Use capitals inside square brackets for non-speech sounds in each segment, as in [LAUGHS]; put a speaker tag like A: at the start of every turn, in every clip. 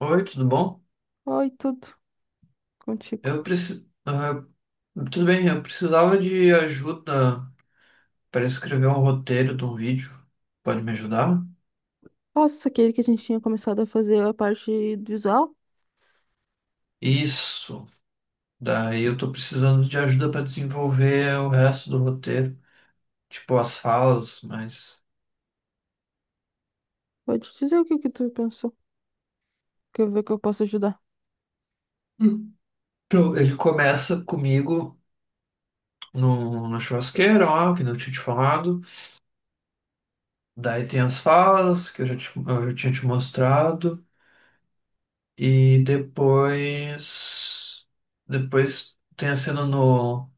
A: Oi, tudo bom?
B: Oi, tudo contigo.
A: Eu preciso. Tudo bem, eu precisava de ajuda para escrever um roteiro de um vídeo. Pode me ajudar?
B: Nossa, aquele que a gente tinha começado a fazer a parte visual?
A: Isso. Daí eu tô precisando de ajuda para desenvolver o resto do roteiro, tipo as falas, mas.
B: Pode dizer o que que tu pensou, que eu ver que eu posso ajudar.
A: Então, ele começa comigo no, na churrasqueira, ó, que não tinha te falado. Daí tem as falas que eu já tinha te mostrado. E depois. Depois tem a cena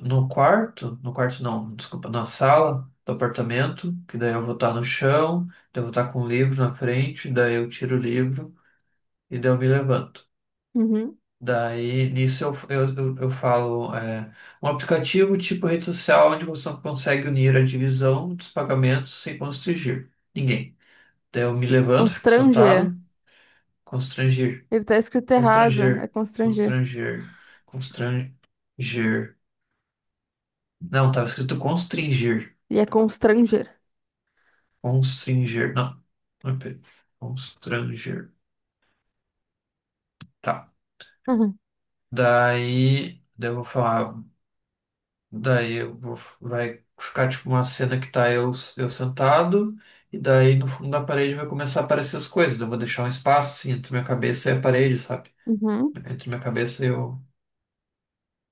A: no quarto, no quarto não, desculpa, na sala do apartamento, que daí eu vou estar no chão, daí eu vou estar com o livro na frente, daí eu tiro o livro e daí eu me levanto.
B: Uhum.
A: Daí nisso eu falo um aplicativo tipo rede social onde você consegue unir a divisão dos pagamentos sem constranger ninguém. Daí eu me levanto, fico
B: Constranger.
A: sentado, constranger,
B: Ele tá escrito errado, é
A: constranger,
B: constranger.
A: constranger, constranger. Não, estava escrito constranger.
B: E é constranger.
A: Constringer. Não. não é pera- Constranger. Tá.
B: Uhum.
A: Daí eu vou falar. Vai ficar tipo uma cena que tá eu sentado, e daí no fundo da parede vai começar a aparecer as coisas. Daí eu vou deixar um espaço assim entre minha cabeça e a parede, sabe?
B: Uhum.
A: Entre minha cabeça e eu.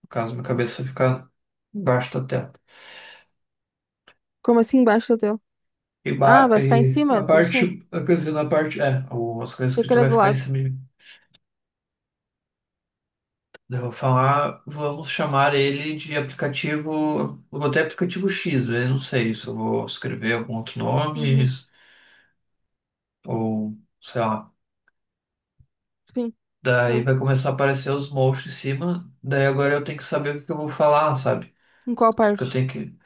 A: No caso, minha cabeça ficar embaixo da tela.
B: Como assim embaixo do teu?
A: E,
B: Ah,
A: ba
B: vai ficar em
A: e
B: cima,
A: na
B: Turitinha?
A: parte, Quer dizer, na parte, as coisas
B: Achei que
A: escritas
B: era
A: vai
B: do
A: ficar em
B: lado.
A: cima de mim. Eu vou falar, vamos chamar ele de aplicativo. Eu botei aplicativo X, eu não sei se eu vou escrever algum outro nome,
B: Uhum.
A: ou sei lá.
B: Sim,
A: Daí vai
B: pois.
A: começar a aparecer os monstros em cima, daí agora eu tenho que saber o que que eu vou falar, sabe?
B: Em qual
A: Porque eu
B: parte?
A: tenho que.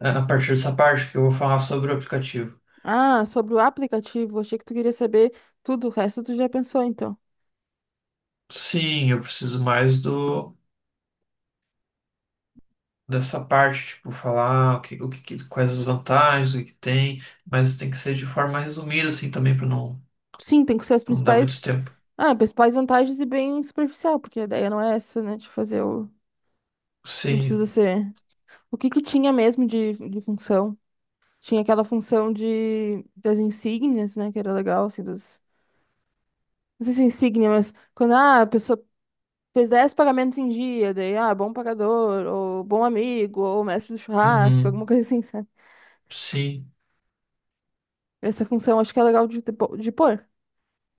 A: É a partir dessa parte que eu vou falar sobre o aplicativo.
B: Ah, sobre o aplicativo. Achei que tu queria saber tudo. O resto tu já pensou, então.
A: Sim, eu preciso mais do. Dessa parte, tipo, falar quais as vantagens, o que que tem, mas tem que ser de forma resumida, assim, também, para não,
B: Sim, tem que ser as
A: não dar muito
B: principais.
A: tempo.
B: Ah, principais vantagens e bem superficial, porque a ideia não é essa, né? De fazer o. Não precisa
A: Sim,
B: ser. O que que tinha mesmo de função? Tinha aquela função de das insígnias, né? Que era legal, assim, das. Não sei se é insígnia, mas quando ah, a pessoa fez 10 pagamentos em dia, daí, ah, bom pagador, ou bom amigo, ou mestre do churrasco, alguma
A: uhum,
B: coisa assim, sabe?
A: sim.
B: Essa função acho que é legal de pôr,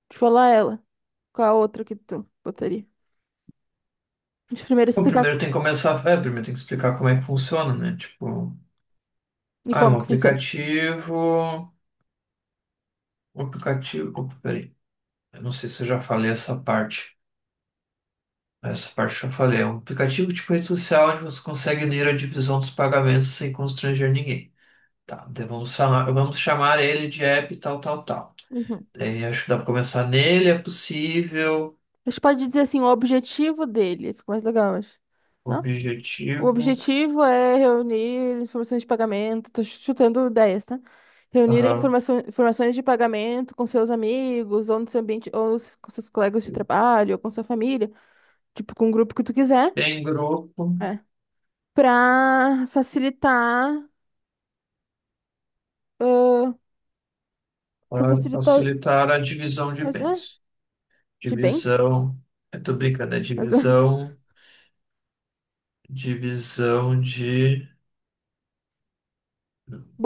B: de falar ela. Qual a outra que tu botaria? Deixa eu primeiro
A: Bom,
B: explicar
A: primeiro tem que começar, primeiro tem que explicar como é que funciona, né? Tipo,
B: e
A: ah, um
B: como que funciona.
A: aplicativo, opa, peraí, eu não sei se eu já falei essa parte eu já falei, é um aplicativo tipo rede social onde você consegue ler a divisão dos pagamentos sem constranger ninguém. Tá, então vamos chamar ele de app tal, tal, tal.
B: Uhum.
A: Daí acho que dá pra começar nele, é possível,
B: A gente pode dizer assim, o objetivo dele, fica mais legal, eu acho. Não? O
A: objetivo,
B: objetivo é reunir informações de pagamento, tô chutando ideias, tá? Reunir a
A: aham,
B: informação, informações de pagamento com seus amigos, ou no seu ambiente, ou com seus colegas de trabalho, ou com sua família, tipo, com o grupo que tu quiser,
A: tem grupo.
B: é, para facilitar, ãh, pra
A: Para
B: facilitar,
A: facilitar a divisão de
B: ah, é,
A: bens.
B: de bens,
A: Divisão. Eu tô brincando, é
B: mas, [LAUGHS]
A: divisão. Divisão de.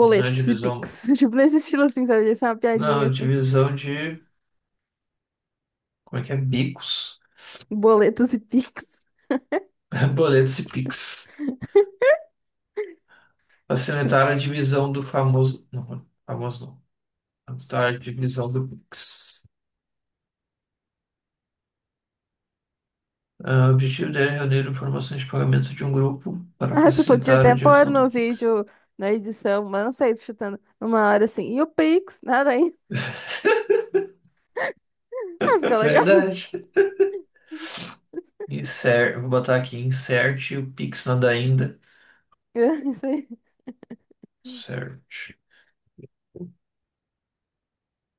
A: Não é
B: e
A: divisão.
B: Pix, [LAUGHS] tipo, nesse estilo assim, sabe? Essa é uma
A: Não,
B: piadinha
A: é
B: assim,
A: divisão de. Como é que é? Bicos.
B: boletos e Pix.
A: [LAUGHS] Boletos e Pix. Facilitar a divisão do famoso. Não, famoso não. Facilitar a divisão do Pix. Ah, o objetivo dela é reunir informações de pagamento de um grupo para
B: Ah, tu podia
A: facilitar a
B: até pôr
A: divisão
B: no
A: do Pix.
B: vídeo, na edição, mas não sei, chutando uma hora assim. E o Pix, nada aí. [LAUGHS] Ah, fica
A: [LAUGHS]
B: legal. [LAUGHS]
A: Verdade. Insert, vou botar aqui, insert o Pix nada ainda.
B: É. Isso aí.
A: Certo.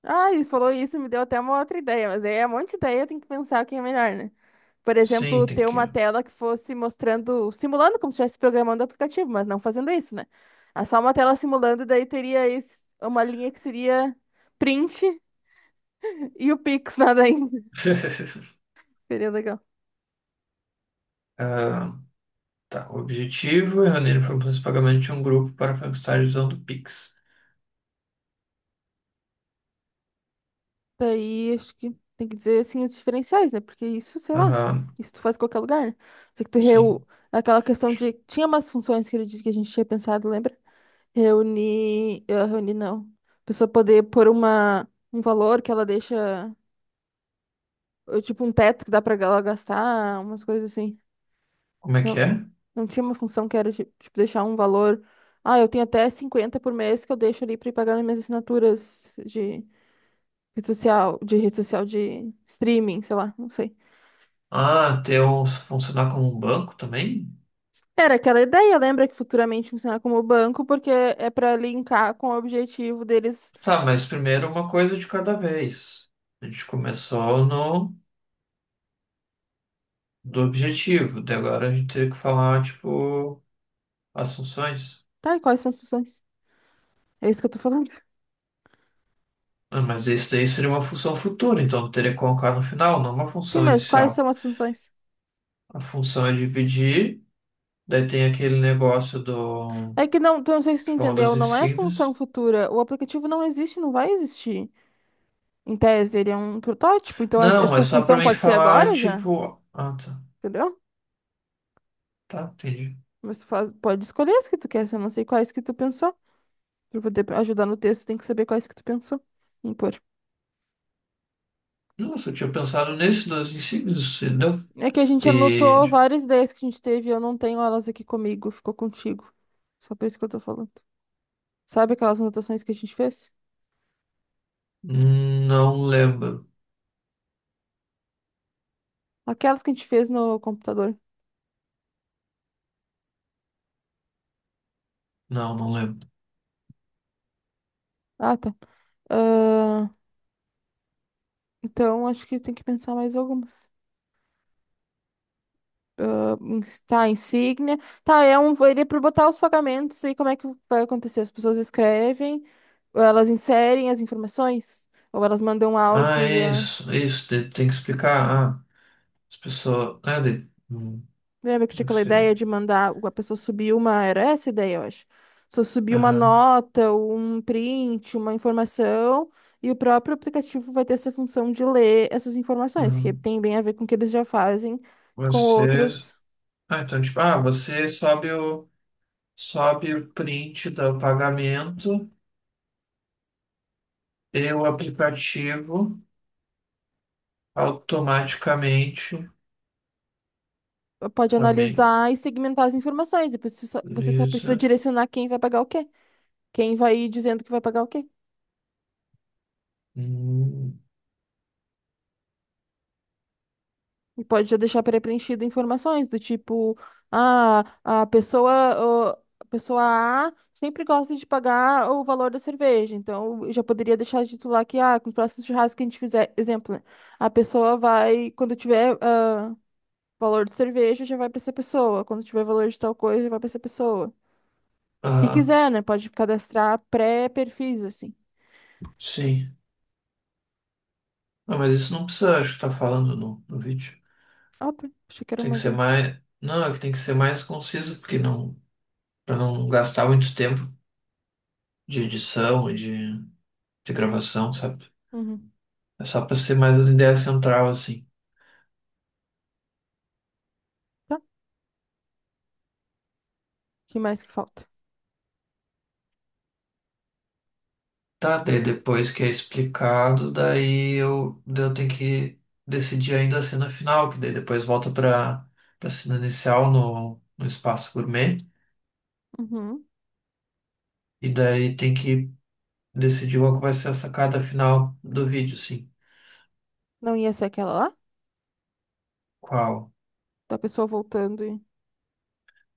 B: Ah, isso falou isso, me deu até uma outra ideia, mas aí é um monte de ideia, tem que pensar quem é melhor, né? Por
A: Sim,
B: exemplo,
A: tem
B: ter uma
A: que.
B: tela que fosse mostrando, simulando como se estivesse programando o aplicativo, mas não fazendo isso, né? É só uma tela simulando, daí teria uma linha que seria print e o Pix, nada aí. [LAUGHS]
A: [LAUGHS]
B: Seria legal.
A: Ah, tá. O objetivo é reunir informações de pagamento de um grupo para Frankenstein usando o Pix.
B: Daí acho que tem que dizer assim os diferenciais, né? Porque isso, sei lá,
A: Aham,
B: isso tu faz em qualquer lugar, né? Só que tu reu...
A: sim.
B: Aquela questão de. Tinha umas funções que ele disse que a gente tinha pensado, lembra? Reunir. Eh, reunir não. A pessoa poder pôr uma... um valor que ela deixa. Eh, tipo, um teto que dá pra ela gastar, umas coisas assim.
A: Como é que
B: Não.
A: é?
B: Não tinha uma função que era, tipo, deixar um valor. Ah, eu tenho até 50 por mês que eu deixo ali pra ir pagar nas minhas assinaturas de rede social, de rede social de streaming, sei lá, não sei.
A: Ah, ter um, funcionar como um banco também?
B: Era aquela ideia, lembra que futuramente funciona como banco, porque é para linkar com o objetivo deles.
A: Tá, mas primeiro uma coisa de cada vez. A gente começou no do objetivo, daí agora a gente teria que falar, tipo, as funções.
B: Tá, e quais são as funções? É isso que eu tô falando.
A: Ah, mas isso daí seria uma função futura, então teria que colocar no final, não uma
B: Sim,
A: função
B: mas quais
A: inicial.
B: são as funções?
A: A função é dividir. Daí tem aquele negócio do.
B: É que não, tu não sei se tu
A: Tipo, uma das
B: entendeu, não é função
A: insígnias.
B: futura. O aplicativo não existe, não vai existir. Em tese, ele é um protótipo, então
A: Não, é
B: essa
A: só pra
B: função
A: mim
B: pode ser
A: falar,
B: agora já,
A: tipo. Ah, tá.
B: entendeu?
A: Tá, entendi.
B: Mas pode escolher as que tu quer, se eu não sei quais que tu pensou. Pra poder ajudar no texto, tem que saber quais que tu pensou. Impor.
A: Nossa, eu tinha pensado nesse das insígnias, entendeu?
B: É que a gente
A: E.
B: anotou várias ideias que a gente teve, e eu não tenho elas aqui comigo, ficou contigo. Só por isso que eu tô falando. Sabe aquelas anotações que a gente fez?
A: Não lembro.
B: Aquelas que a gente fez no computador.
A: Não, não lembro.
B: Ah, tá. Ah, então acho que tem que pensar mais algumas. Ah, tá, insígnia. Tá, é um. Ele é para botar os pagamentos e como é que vai acontecer? As pessoas escrevem, ou elas inserem as informações, ou elas mandam um
A: Ah,
B: áudio.
A: é isso, é isso. Daí tem que explicar. Ah, as pessoas.
B: Lembra que tinha
A: Como é que
B: aquela ideia
A: seria?
B: de mandar a pessoa subir uma. Era essa a ideia, eu acho. Só subir uma
A: Aham.
B: nota, um print, uma informação, e o próprio aplicativo vai ter essa função de ler essas informações, que
A: Aham.
B: tem bem a ver com o que eles já fazem com
A: Vocês.
B: outros.
A: Ah, então, tipo, ah, você sobe o. Sobe o print do pagamento. E o aplicativo automaticamente
B: Eh, pode
A: também.
B: analisar e segmentar as informações. E você só precisa
A: Beleza.
B: direcionar quem vai pagar o quê. Quem vai dizendo que vai pagar o quê.
A: Hum,
B: E pode já deixar pré-preenchido informações do tipo, ah, a pessoa A sempre gosta de pagar o valor da cerveja. Então, eu já poderia deixar de titular que, ah, com o próximo churrasco que a gente fizer, exemplo, né? A pessoa vai, quando tiver, ah, valor de cerveja, já vai para essa pessoa. Quando tiver valor de tal coisa, já vai para essa pessoa. Se
A: ah,
B: quiser, né? Pode cadastrar pré-perfis, assim.
A: sim. Ah, mas isso não precisa, acho que tá falando no vídeo.
B: Ah, tá. Achei que era
A: Tem
B: uma
A: que ser
B: ideia.
A: mais. Não, é que tem que ser mais conciso, porque não. Pra não gastar muito tempo de edição de gravação, sabe?
B: Uhum.
A: É só pra ser mais a ideia central, assim.
B: Tá. O que mais que falta?
A: Tá, daí depois que é explicado, daí eu tenho que decidir ainda a cena final, que daí depois volta para a cena inicial no espaço gourmet,
B: Uhum.
A: e daí tem que decidir qual que vai ser a sacada final do vídeo, sim.
B: Não ia ser aquela lá?
A: Qual?
B: Da pessoa voltando e.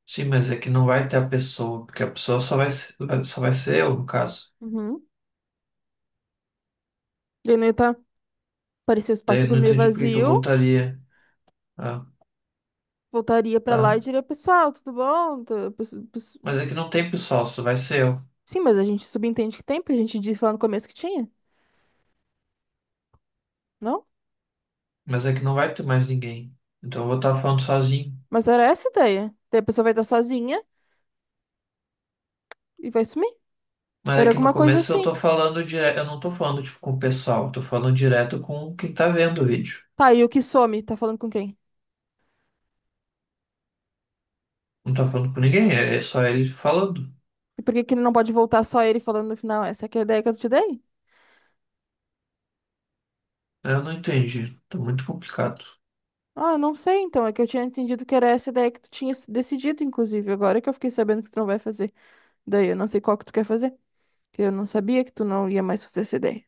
A: Sim, mas é que não vai ter a pessoa, porque a pessoa só vai ser eu, no caso.
B: Uhum. Leneta parecia o
A: Daí
B: espaço
A: eu não
B: gourmet
A: entendi por que que eu
B: vazio,
A: voltaria. Ah,
B: voltaria pra lá e
A: tá.
B: diria, pessoal, tudo bom?
A: Mas é que não tem pessoal, só vai ser eu.
B: Sim, mas a gente subentende que tem, porque a gente disse lá no começo que tinha, não?
A: Mas é que não vai ter mais ninguém. Então eu vou estar falando sozinho.
B: Mas era essa a ideia. Daí a pessoa vai estar sozinha e vai sumir.
A: Mas é
B: Era
A: que no
B: alguma coisa
A: começo eu
B: assim.
A: tô falando direto, eu não tô falando tipo com o pessoal, eu tô falando direto com quem tá vendo o vídeo.
B: Tá, e o que some? Tá falando com quem?
A: Não tô falando com ninguém, é só ele falando.
B: E por que que ele não pode voltar só ele falando no final? Essa que é a ideia que eu te dei?
A: Eu não entendi, tá muito complicado.
B: Ah, eu não sei então. É que eu tinha entendido que era essa a ideia que tu tinha decidido, inclusive. Agora que eu fiquei sabendo que tu não vai fazer. Daí eu não sei qual que tu quer fazer. Que eu não sabia que tu não ia mais fazer essa ideia.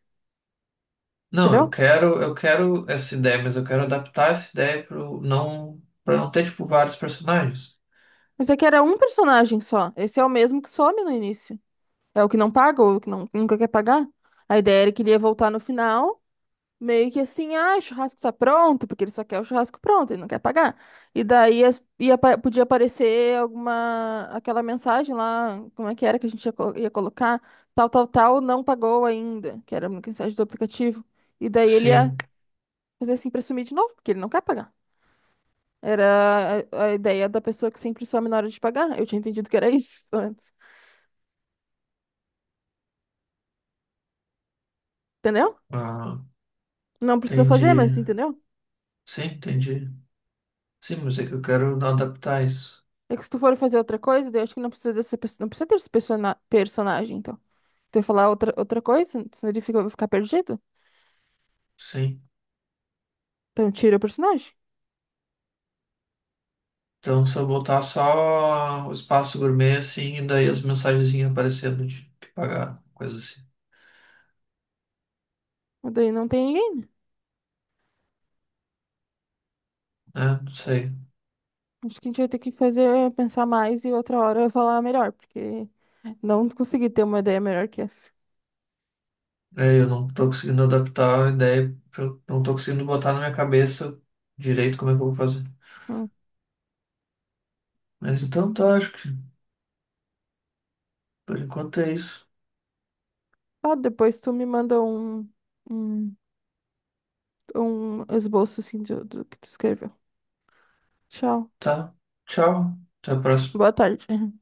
A: Não,
B: Entendeu?
A: eu quero essa ideia, mas eu quero adaptar essa ideia pro não para não ter tipo vários personagens.
B: Mas é que era um personagem só. Esse é o mesmo que some no início. É o que não paga ou o que não, nunca quer pagar. A ideia era que ele ia voltar no final, meio que assim, ah, o churrasco tá pronto, porque ele só quer o churrasco pronto, ele não quer pagar. E daí podia aparecer alguma, aquela mensagem lá, como é que era que a gente ia, ia colocar, tal, tal, tal, não pagou ainda, que era uma mensagem do aplicativo. E daí ele ia
A: Sim,
B: fazer assim pra sumir de novo, porque ele não quer pagar. Era a ideia da pessoa que sempre some na hora de pagar. Eu tinha entendido que era [LAUGHS] isso antes. Entendeu?
A: ah,
B: Não precisa fazer, mas
A: entendi.
B: entendeu?
A: Sim, entendi. Sim, mas é que eu quero adaptar isso.
B: É que se tu for fazer outra coisa, daí eu acho que não precisa dessa pessoa, não precisa ter esse personagem, então. Tu vai falar outra, outra coisa, senão ele fica, vai ficar perdido.
A: Sim.
B: Então tira o personagem.
A: Então, se eu botar só o espaço gourmet, assim, e daí as mensagenzinhas aparecendo de que pagar, coisa assim,
B: Mas daí não tem ninguém, né?
A: né? Não sei.
B: Acho que a gente vai ter que fazer, pensar mais e outra hora eu falar melhor, porque não consegui ter uma ideia melhor que essa.
A: É, eu não tô conseguindo adaptar a ideia, eu não tô conseguindo botar na minha cabeça direito como é que eu vou fazer.
B: Hum.
A: Mas então tá, acho que por enquanto é isso.
B: Ah, depois tu me manda um, um esboço assim do que tu escreveu. Tchau.
A: Tá? Tchau. Até a próxima.
B: Boa tarde.